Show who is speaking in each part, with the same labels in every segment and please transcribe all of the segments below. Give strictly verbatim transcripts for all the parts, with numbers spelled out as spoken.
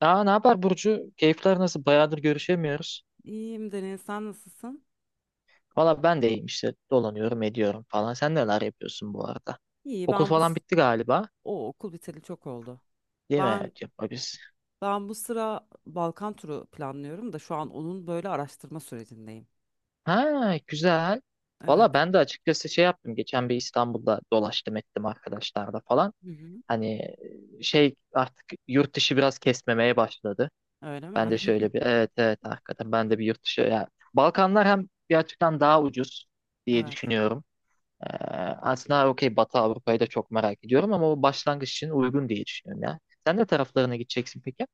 Speaker 1: Aa, ne yapar Burcu? Keyifler nasıl? Bayağıdır görüşemiyoruz.
Speaker 2: İyiyim Deniz, sen nasılsın?
Speaker 1: Valla ben de iyiyim işte. Dolanıyorum, ediyorum falan. Sen neler yapıyorsun bu arada?
Speaker 2: İyi,
Speaker 1: Okul
Speaker 2: ben bu
Speaker 1: falan
Speaker 2: s-
Speaker 1: bitti galiba.
Speaker 2: o okul biteli çok oldu.
Speaker 1: Değil mi?
Speaker 2: Ben
Speaker 1: Evet, yapma biz.
Speaker 2: ben bu sıra Balkan turu planlıyorum da şu an onun böyle araştırma sürecindeyim.
Speaker 1: Ha, güzel. Valla
Speaker 2: Evet.
Speaker 1: ben de açıkçası şey yaptım. Geçen bir İstanbul'da dolaştım ettim arkadaşlarla falan.
Speaker 2: Hı hı.
Speaker 1: Hani e, şey artık yurt dışı biraz kesmemeye başladı.
Speaker 2: Öyle
Speaker 1: Ben
Speaker 2: mi?
Speaker 1: de şöyle bir evet evet hakikaten ben de bir yurt dışı. Yani Balkanlar hem gerçekten daha ucuz diye
Speaker 2: Evet.
Speaker 1: düşünüyorum. Ee, Aslında okey Batı Avrupa'yı da çok merak ediyorum ama o başlangıç için uygun diye düşünüyorum ya. Sen ne taraflarına gideceksin peki?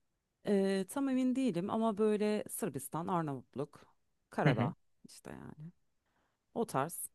Speaker 2: Ee, tam emin değilim ama böyle Sırbistan, Arnavutluk,
Speaker 1: Hı hı.
Speaker 2: Karadağ işte yani. O tarz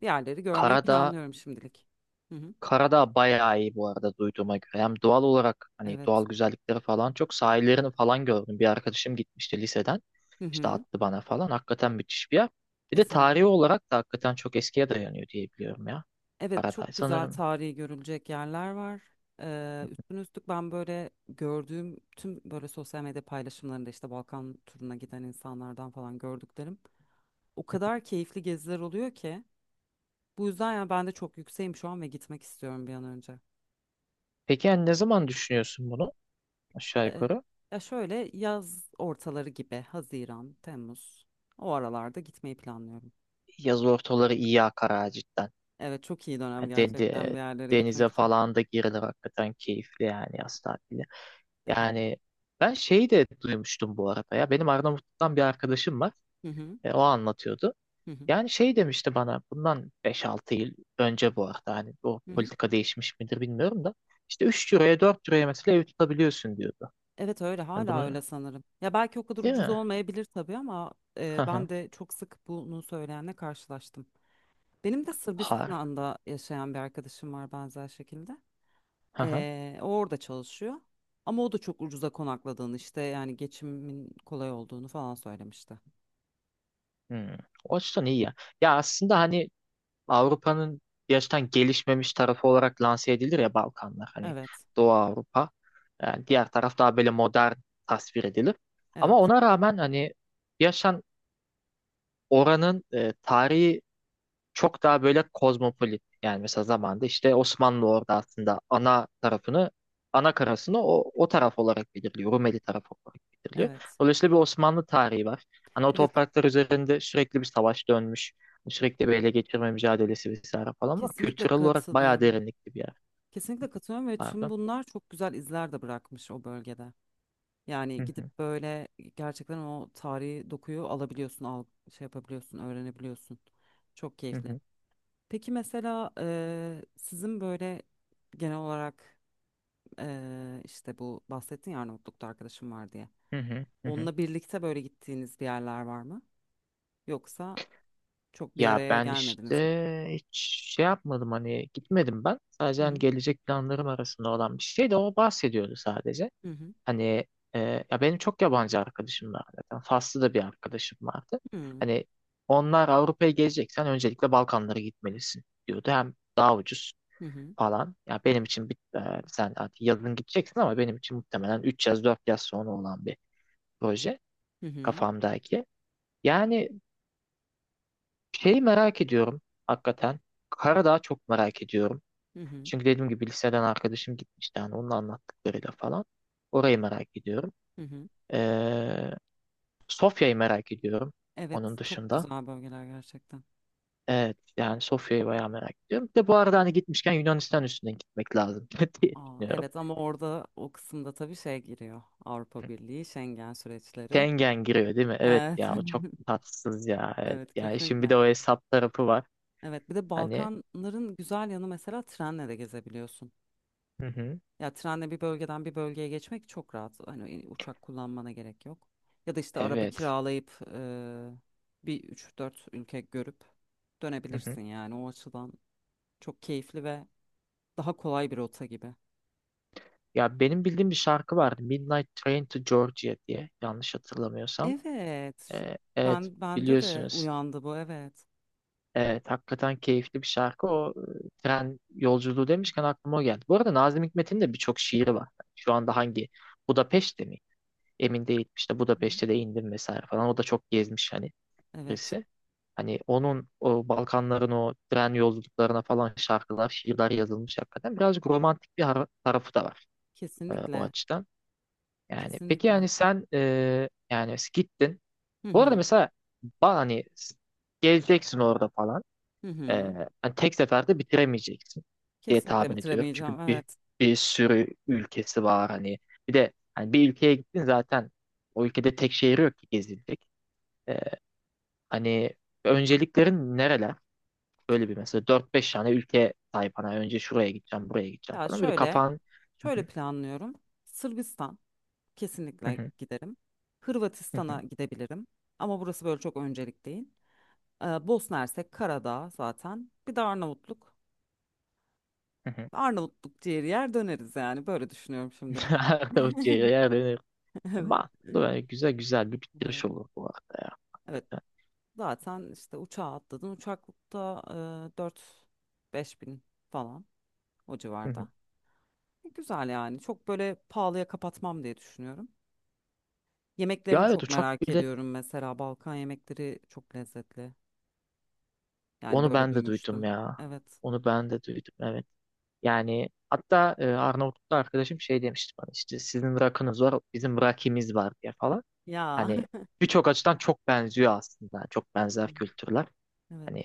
Speaker 2: yerleri görmeyi
Speaker 1: Karadağ,
Speaker 2: planlıyorum şimdilik. Hı hı.
Speaker 1: Karadağ bayağı iyi bu arada duyduğuma göre. Hem doğal olarak hani
Speaker 2: Evet.
Speaker 1: doğal güzellikleri falan çok sahillerini falan gördüm. Bir arkadaşım gitmişti liseden.
Speaker 2: Hı
Speaker 1: İşte
Speaker 2: hı.
Speaker 1: attı bana falan. Hakikaten müthiş bir yer. Bir de
Speaker 2: Kesinlikle.
Speaker 1: tarihi olarak da hakikaten çok eskiye dayanıyor diye biliyorum ya.
Speaker 2: Evet,
Speaker 1: Karadağ
Speaker 2: çok güzel
Speaker 1: sanırım.
Speaker 2: tarihi görülecek yerler var. Ee, üstüne üstlük ben böyle gördüğüm tüm böyle sosyal medya paylaşımlarında işte Balkan turuna giden insanlardan falan gördüklerim. O kadar keyifli geziler oluyor ki. Bu yüzden ya ben de çok yükseğim şu an ve gitmek istiyorum bir an önce.
Speaker 1: Peki yani ne zaman düşünüyorsun bunu aşağı
Speaker 2: Ee,
Speaker 1: yukarı?
Speaker 2: Ya şöyle yaz ortaları gibi Haziran, Temmuz o aralarda gitmeyi planlıyorum.
Speaker 1: Yaz ortaları iyi akar ha cidden.
Speaker 2: Evet, çok iyi dönem
Speaker 1: Yani de-
Speaker 2: gerçekten
Speaker 1: de-
Speaker 2: bir yerlere gitmek
Speaker 1: denize
Speaker 2: için.
Speaker 1: falan da girilir hakikaten keyifli yani yaz tatili.
Speaker 2: Evet.
Speaker 1: Yani ben şeyi de duymuştum bu arada ya. Benim Arnavutluk'tan bir arkadaşım var.
Speaker 2: Hı hı.
Speaker 1: E, o anlatıyordu.
Speaker 2: Hı hı.
Speaker 1: Yani şey demişti bana bundan beş altı yıl önce bu arada hani o
Speaker 2: Hı hı.
Speaker 1: politika değişmiş midir bilmiyorum da işte üç liraya dört liraya mesela ev tutabiliyorsun diyordu.
Speaker 2: Evet öyle,
Speaker 1: Hani
Speaker 2: hala
Speaker 1: bunu
Speaker 2: öyle sanırım. Ya belki o kadar
Speaker 1: değil
Speaker 2: ucuz
Speaker 1: mi?
Speaker 2: olmayabilir tabii ama e,
Speaker 1: Hı
Speaker 2: ben
Speaker 1: hı.
Speaker 2: de çok sık bunu söyleyenle karşılaştım. Benim de
Speaker 1: Harf.
Speaker 2: Sırbistan'da yaşayan bir arkadaşım var benzer şekilde.
Speaker 1: Hı hı.
Speaker 2: E, o orada çalışıyor. Ama o da çok ucuza konakladığını işte yani geçimin kolay olduğunu falan söylemişti.
Speaker 1: Hmm. O açıdan iyi ya. Ya aslında hani Avrupa'nın gerçekten gelişmemiş tarafı olarak lanse edilir ya Balkanlar hani
Speaker 2: Evet,
Speaker 1: Doğu Avrupa. Yani diğer taraf daha böyle modern tasvir edilir. Ama
Speaker 2: evet,
Speaker 1: ona rağmen hani yaşan oranın e, tarihi çok daha böyle kozmopolit. Yani mesela zamanda işte Osmanlı orada aslında ana tarafını, ana karasını o, o taraf olarak belirliyor. Rumeli tarafı olarak belirliyor.
Speaker 2: evet.
Speaker 1: Dolayısıyla bir Osmanlı tarihi var. Hani o
Speaker 2: Evet,
Speaker 1: topraklar üzerinde sürekli bir savaş dönmüş. Hani sürekli bir ele geçirme mücadelesi vesaire falan var.
Speaker 2: kesinlikle
Speaker 1: Kültürel olarak bayağı
Speaker 2: katılıyorum.
Speaker 1: derinlikli bir yer.
Speaker 2: Kesinlikle katılıyorum ve tüm
Speaker 1: Pardon.
Speaker 2: bunlar çok güzel izler de bırakmış o bölgede.
Speaker 1: Hı
Speaker 2: Yani gidip
Speaker 1: hı,
Speaker 2: böyle gerçekten o tarihi dokuyu alabiliyorsun, al, şey yapabiliyorsun, öğrenebiliyorsun. Çok
Speaker 1: hı
Speaker 2: keyifli.
Speaker 1: hı,
Speaker 2: Peki mesela eee, sizin böyle genel olarak eee, işte bu bahsettin ya, Arnavutluk'ta arkadaşım var diye.
Speaker 1: hı hı, hı hı.
Speaker 2: Onunla birlikte böyle gittiğiniz bir yerler var mı? Yoksa çok bir
Speaker 1: Ya
Speaker 2: araya
Speaker 1: ben
Speaker 2: gelmediniz mi?
Speaker 1: işte hiç şey yapmadım hani gitmedim ben. Sadece
Speaker 2: Hı
Speaker 1: hani gelecek planlarım arasında olan bir şey de o bahsediyordu sadece.
Speaker 2: hı, hı
Speaker 1: Hani e, ya benim çok yabancı arkadaşım var zaten. Faslı da bir arkadaşım vardı.
Speaker 2: hı,
Speaker 1: Hani onlar Avrupa'ya geleceksen öncelikle Balkanlara gitmelisin diyordu. Hem daha ucuz
Speaker 2: hı hı,
Speaker 1: falan. Ya benim için bir, e, sen artık yazın gideceksin ama benim için muhtemelen üç yaz dört yaz sonra olan bir proje
Speaker 2: hı hı,
Speaker 1: kafamdaki. Yani şeyi merak ediyorum hakikaten. Karadağ'ı çok merak ediyorum.
Speaker 2: hı hı, hı.
Speaker 1: Çünkü dediğim gibi liseden arkadaşım gitmişti. Yani onun anlattıklarıyla falan. Orayı merak ediyorum.
Speaker 2: Hı. Hı.
Speaker 1: Sofya'yı merak ediyorum
Speaker 2: Evet,
Speaker 1: onun
Speaker 2: çok
Speaker 1: dışında.
Speaker 2: güzel bölgeler gerçekten.
Speaker 1: Evet yani Sofya'yı bayağı merak ediyorum. Bir de bu arada hani gitmişken Yunanistan üstünden gitmek lazım diye
Speaker 2: Aa,
Speaker 1: düşünüyorum.
Speaker 2: evet ama orada o kısımda tabii şey giriyor. Avrupa Birliği, Schengen süreçleri.
Speaker 1: Schengen giriyor değil mi? Evet
Speaker 2: Evet.
Speaker 1: ya o çok tatsız ya. Evet.
Speaker 2: Evet,
Speaker 1: Ya işin bir
Speaker 2: kesinlikle.
Speaker 1: de o hesap tarafı var.
Speaker 2: Evet, bir de
Speaker 1: Hani
Speaker 2: Balkanların güzel yanı, mesela trenle de gezebiliyorsun.
Speaker 1: hı hı,
Speaker 2: Ya trenle bir bölgeden bir bölgeye geçmek çok rahat. Hani e, uçak kullanmana gerek yok. Ya da işte araba
Speaker 1: evet.
Speaker 2: kiralayıp eee, bir üç dört ülke görüp
Speaker 1: Hı hı.
Speaker 2: dönebilirsin yani, o açıdan çok keyifli ve daha kolay bir rota gibi.
Speaker 1: Ya benim bildiğim bir şarkı vardı. Midnight Train to Georgia diye yanlış hatırlamıyorsam.
Speaker 2: Evet şu-
Speaker 1: Ee, evet
Speaker 2: Ben bende de
Speaker 1: biliyorsunuz.
Speaker 2: uyandı bu, evet.
Speaker 1: Evet, hakikaten keyifli bir şarkı. O e, tren yolculuğu demişken aklıma o geldi. Bu arada Nazım Hikmet'in de birçok şiiri var. Şu anda hangi? Budapeşte mi? Emin değil. İşte Budapeşte de indim vesaire falan. O da çok gezmiş hani
Speaker 2: Evet.
Speaker 1: birisi. Hani onun o Balkanların o tren yolculuklarına falan şarkılar, şiirler yazılmış hakikaten. Birazcık romantik bir har- tarafı da var e, o
Speaker 2: Kesinlikle.
Speaker 1: açıdan. Yani peki
Speaker 2: Kesinlikle.
Speaker 1: yani sen e, yani gittin.
Speaker 2: Hı
Speaker 1: Bu arada
Speaker 2: hı.
Speaker 1: mesela ba- hani gezeceksin orada falan.
Speaker 2: Hı
Speaker 1: Ee,
Speaker 2: hı.
Speaker 1: Hani tek seferde bitiremeyeceksin diye
Speaker 2: Kesinlikle
Speaker 1: tahmin ediyorum. Çünkü
Speaker 2: bitiremeyeceğim.
Speaker 1: bir,
Speaker 2: Evet.
Speaker 1: bir sürü ülkesi var hani. Bir de hani bir ülkeye gittin zaten o ülkede tek şehir yok ki gezilecek. Ee, Hani önceliklerin nereler? Böyle bir mesela dört beş tane ülke sahip. Hani önce şuraya gideceğim, buraya gideceğim
Speaker 2: Ya
Speaker 1: falan. Böyle
Speaker 2: şöyle
Speaker 1: kafan
Speaker 2: Şöyle planlıyorum. Sırbistan kesinlikle giderim. Hırvatistan'a gidebilirim. Ama burası böyle çok öncelik değil. Ee, Bosna Hersek, Karadağ zaten. Bir de Arnavutluk. Arnavutluk ciğeri yer döneriz yani. Böyle düşünüyorum şimdilik.
Speaker 1: nerede uçuyor, yer dönüyor.
Speaker 2: Evet.
Speaker 1: Mantıklı yani güzel güzel bir
Speaker 2: Evet.
Speaker 1: bitiriş olur bu arada
Speaker 2: Evet.
Speaker 1: ya.
Speaker 2: Zaten işte uçağa atladın. Uçaklıkta e, dört beş bin falan. O
Speaker 1: Hı hı.
Speaker 2: civarda. E, Güzel yani. Çok böyle pahalıya kapatmam diye düşünüyorum. Yemeklerini
Speaker 1: Ya evet
Speaker 2: çok
Speaker 1: uçak.
Speaker 2: merak ediyorum. Mesela Balkan yemekleri çok lezzetli. Yani
Speaker 1: Onu
Speaker 2: böyle
Speaker 1: ben de duydum
Speaker 2: duymuştum.
Speaker 1: ya.
Speaker 2: Evet.
Speaker 1: Onu ben de duydum evet. Yani hatta e, Arnavutluk'ta arkadaşım şey demişti bana işte sizin rakınız var bizim rakimiz var diye falan.
Speaker 2: Ya.
Speaker 1: Hani birçok açıdan çok benziyor aslında. Çok
Speaker 2: Hı
Speaker 1: benzer
Speaker 2: hı.
Speaker 1: kültürler.
Speaker 2: Evet.
Speaker 1: Hani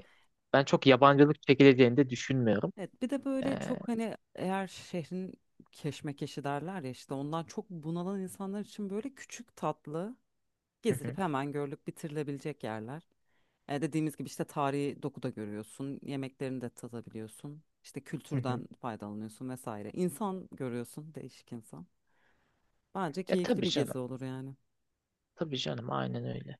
Speaker 1: ben çok yabancılık çekileceğini de düşünmüyorum.
Speaker 2: Evet. Bir de
Speaker 1: Ee,
Speaker 2: böyle çok hani, eğer şehrin keşmekeşi derler ya, işte ondan çok bunalan insanlar için böyle küçük tatlı
Speaker 1: hı
Speaker 2: gezilip
Speaker 1: hı,
Speaker 2: hemen görülüp bitirilebilecek yerler. E, dediğimiz gibi işte tarihi doku da görüyorsun, yemeklerini de tadabiliyorsun, işte
Speaker 1: hı hı.
Speaker 2: kültürden faydalanıyorsun vesaire. İnsan görüyorsun, değişik insan. Bence
Speaker 1: Ya
Speaker 2: keyifli
Speaker 1: tabii
Speaker 2: bir gezi
Speaker 1: canım.
Speaker 2: olur yani.
Speaker 1: Tabii canım aynen öyle.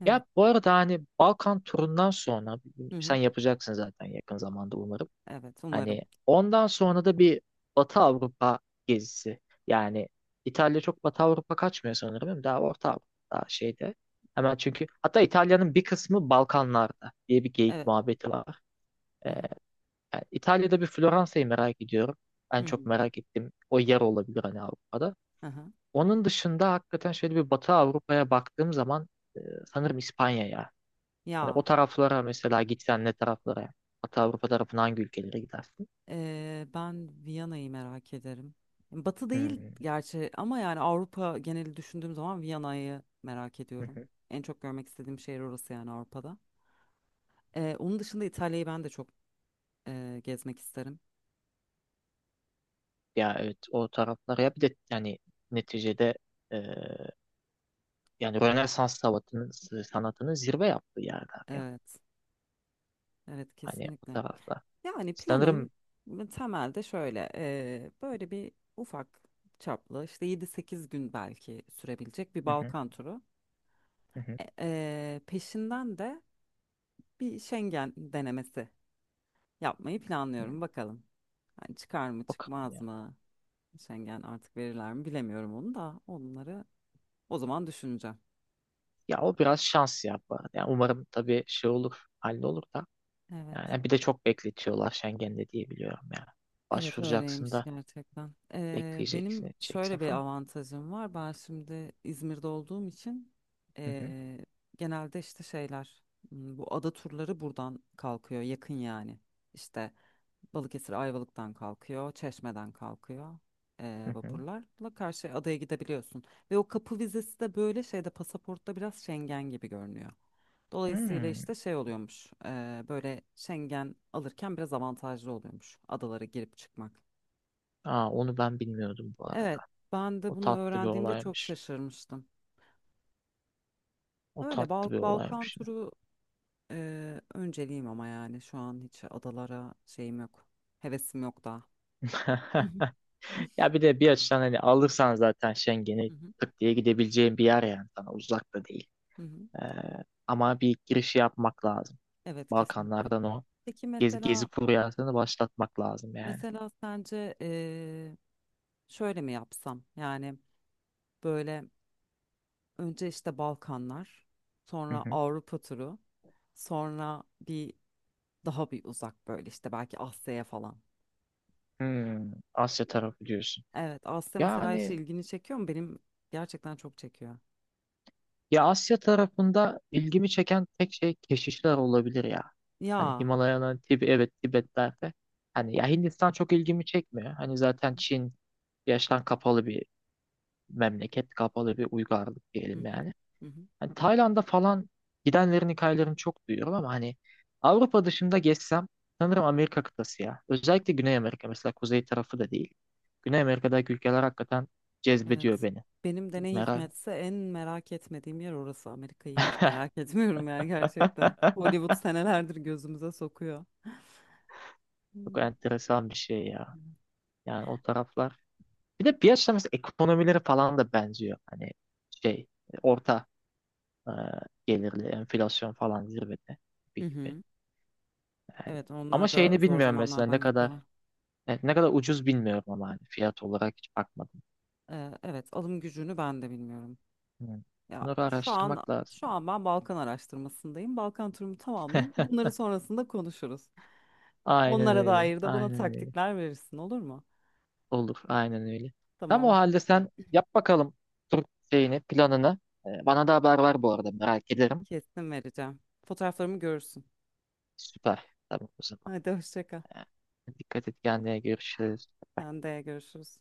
Speaker 2: Evet.
Speaker 1: Ya bu arada hani Balkan turundan sonra
Speaker 2: Hı
Speaker 1: sen
Speaker 2: hı.
Speaker 1: yapacaksın zaten yakın zamanda umarım.
Speaker 2: Evet, umarım.
Speaker 1: Hani ondan sonra da bir Batı Avrupa gezisi. Yani İtalya çok Batı Avrupa kaçmıyor sanırım. Değil mi? Daha Orta Avrupa daha şeyde. Hemen çünkü hatta İtalya'nın bir kısmı Balkanlarda diye bir geyik
Speaker 2: Evet.
Speaker 1: muhabbeti var.
Speaker 2: Hı
Speaker 1: Ee,
Speaker 2: hı.
Speaker 1: Yani İtalya'da bir Floransa'yı merak ediyorum.
Speaker 2: Hı
Speaker 1: En çok
Speaker 2: hı.
Speaker 1: merak ettiğim o yer olabilir hani Avrupa'da.
Speaker 2: Hı.
Speaker 1: Onun dışında hakikaten şöyle bir Batı Avrupa'ya baktığım zaman e, sanırım İspanya'ya. Hani o
Speaker 2: Ya
Speaker 1: taraflara mesela gitsen ne taraflara? Batı Avrupa tarafına hangi ülkelere gidersin?
Speaker 2: e, ben Viyana'yı merak ederim. Batı değil
Speaker 1: Hmm.
Speaker 2: gerçi ama yani Avrupa geneli düşündüğüm zaman Viyana'yı merak ediyorum. En çok görmek istediğim şehir orası yani Avrupa'da. Ee, onun dışında İtalya'yı ben de çok e, gezmek isterim.
Speaker 1: Ya evet o taraflar ya bir de yani neticede e, yani Rönesans sanatının sanatının zirve yaptığı yerler ya.
Speaker 2: Evet, evet
Speaker 1: Hani o
Speaker 2: kesinlikle.
Speaker 1: taraflar.
Speaker 2: Yani planım
Speaker 1: Sanırım
Speaker 2: temelde şöyle, e, böyle bir ufak çaplı işte yedi sekiz gün belki sürebilecek bir
Speaker 1: hı hı,
Speaker 2: Balkan turu.
Speaker 1: hı hı,
Speaker 2: E, e, peşinden de bir Schengen denemesi yapmayı
Speaker 1: hı.
Speaker 2: planlıyorum, bakalım. Hani çıkar mı
Speaker 1: Bakalım
Speaker 2: çıkmaz
Speaker 1: ya.
Speaker 2: mı? Schengen artık verirler mi bilemiyorum, onu da onları o zaman düşüneceğim.
Speaker 1: Ya o biraz şans ya bu arada. Yani umarım tabii şey olur, hallolur da.
Speaker 2: Evet.
Speaker 1: Yani bir de çok bekletiyorlar Schengen'de diye biliyorum ya.
Speaker 2: Evet
Speaker 1: Başvuracaksın
Speaker 2: öyleymiş
Speaker 1: da
Speaker 2: gerçekten. Ee, benim
Speaker 1: bekleyeceksin, edeceksin
Speaker 2: şöyle bir
Speaker 1: falan.
Speaker 2: avantajım var. Ben şimdi İzmir'de olduğum için
Speaker 1: Hı hı,
Speaker 2: ee, genelde işte şeyler m, bu ada turları buradan kalkıyor, yakın yani. İşte Balıkesir Ayvalık'tan kalkıyor, Çeşme'den kalkıyor, ee,
Speaker 1: hı hı.
Speaker 2: vapurlarla karşı adaya gidebiliyorsun. Ve o kapı vizesi de böyle şeyde, pasaportta biraz Schengen gibi görünüyor. Dolayısıyla
Speaker 1: Hmm.
Speaker 2: işte şey oluyormuş, ee, böyle Schengen alırken biraz avantajlı oluyormuş adalara girip çıkmak.
Speaker 1: Aa, onu ben bilmiyordum bu
Speaker 2: Evet,
Speaker 1: arada.
Speaker 2: ben de
Speaker 1: O
Speaker 2: bunu
Speaker 1: tatlı bir
Speaker 2: öğrendiğimde çok
Speaker 1: olaymış.
Speaker 2: şaşırmıştım.
Speaker 1: O
Speaker 2: Öyle Bal
Speaker 1: tatlı bir
Speaker 2: Balkan
Speaker 1: olaymış.
Speaker 2: turu e, önceliğim ama yani şu an hiç adalara şeyim yok. Hevesim yok daha. Hı hı,
Speaker 1: Ya bir de bir açıdan hani alırsan zaten
Speaker 2: hı
Speaker 1: Schengen'i
Speaker 2: hı.
Speaker 1: tık diye gidebileceğin bir yer yani sana uzak da değil.
Speaker 2: Hı hı.
Speaker 1: Ee, Ama bir girişi yapmak lazım.
Speaker 2: Evet, kesinlikle.
Speaker 1: Balkanlardan o
Speaker 2: Peki
Speaker 1: gezi, gezi
Speaker 2: mesela
Speaker 1: furyasını başlatmak lazım yani.
Speaker 2: mesela sence, eee, şöyle mi yapsam? Yani böyle önce işte Balkanlar,
Speaker 1: Hı
Speaker 2: sonra
Speaker 1: hı.
Speaker 2: Avrupa turu, sonra bir daha bir uzak böyle işte belki Asya'ya falan.
Speaker 1: Hmm, Asya tarafı diyorsun.
Speaker 2: Evet, Asya mesela hiç
Speaker 1: Yani
Speaker 2: ilgini çekiyor mu? Benim gerçekten çok çekiyor.
Speaker 1: ya Asya tarafında ilgimi çeken tek şey keşişler olabilir ya. Hani
Speaker 2: Ya.
Speaker 1: Himalaya'nın Tib evet Tibet'lerde. Hani ya Hindistan çok ilgimi çekmiyor. Hani zaten Çin yaştan kapalı bir memleket kapalı bir uygarlık
Speaker 2: Hı
Speaker 1: diyelim
Speaker 2: hı.
Speaker 1: yani.
Speaker 2: Hı hı.
Speaker 1: Hani Tayland'a falan gidenlerin hikayelerini çok duyuyorum ama hani Avrupa dışında gezsem sanırım Amerika kıtası ya. Özellikle Güney Amerika mesela kuzey tarafı da değil. Güney Amerika'daki ülkeler hakikaten cezbediyor
Speaker 2: Evet.
Speaker 1: beni.
Speaker 2: Benim de ne
Speaker 1: Merak.
Speaker 2: hikmetse en merak etmediğim yer orası. Amerika'yı hiç merak etmiyorum yani gerçekten. Hollywood senelerdir gözümüze sokuyor.
Speaker 1: Çok
Speaker 2: Hmm.
Speaker 1: enteresan bir şey ya. Yani o taraflar. Bir de piyasa mesela ekonomileri falan da benziyor. Hani şey orta e, gelirli enflasyon falan zirvede
Speaker 2: Hı
Speaker 1: gibi gibi.
Speaker 2: hı.
Speaker 1: Yani.
Speaker 2: Evet,
Speaker 1: Ama
Speaker 2: onlar da
Speaker 1: şeyini
Speaker 2: zor
Speaker 1: bilmiyorum mesela ne
Speaker 2: zamanlardan geçiyorlar.
Speaker 1: kadar. Evet, ne kadar ucuz bilmiyorum ama hani fiyat olarak hiç bakmadım.
Speaker 2: Ee, evet, alım gücünü ben de bilmiyorum.
Speaker 1: Hmm.
Speaker 2: Ya
Speaker 1: Bunları
Speaker 2: şu an
Speaker 1: araştırmak lazım.
Speaker 2: şu an ben Balkan araştırmasındayım. Balkan turumu tamamlayayım. Bunları sonrasında konuşuruz.
Speaker 1: Aynen
Speaker 2: Onlara
Speaker 1: öyle.
Speaker 2: dair de bana
Speaker 1: Aynen öyle.
Speaker 2: taktikler verirsin, olur mu?
Speaker 1: Olur. Aynen öyle. Tamam o
Speaker 2: Tamam.
Speaker 1: halde sen yap bakalım tur şeyini, planını. Ee, Bana da haber ver bu arada merak ederim.
Speaker 2: Kesin vereceğim. Fotoğraflarımı görürsün.
Speaker 1: Süper. Tamam o zaman.
Speaker 2: Hadi, hoşça kal.
Speaker 1: Ee, Dikkat et kendine görüşürüz.
Speaker 2: Sen de görüşürüz.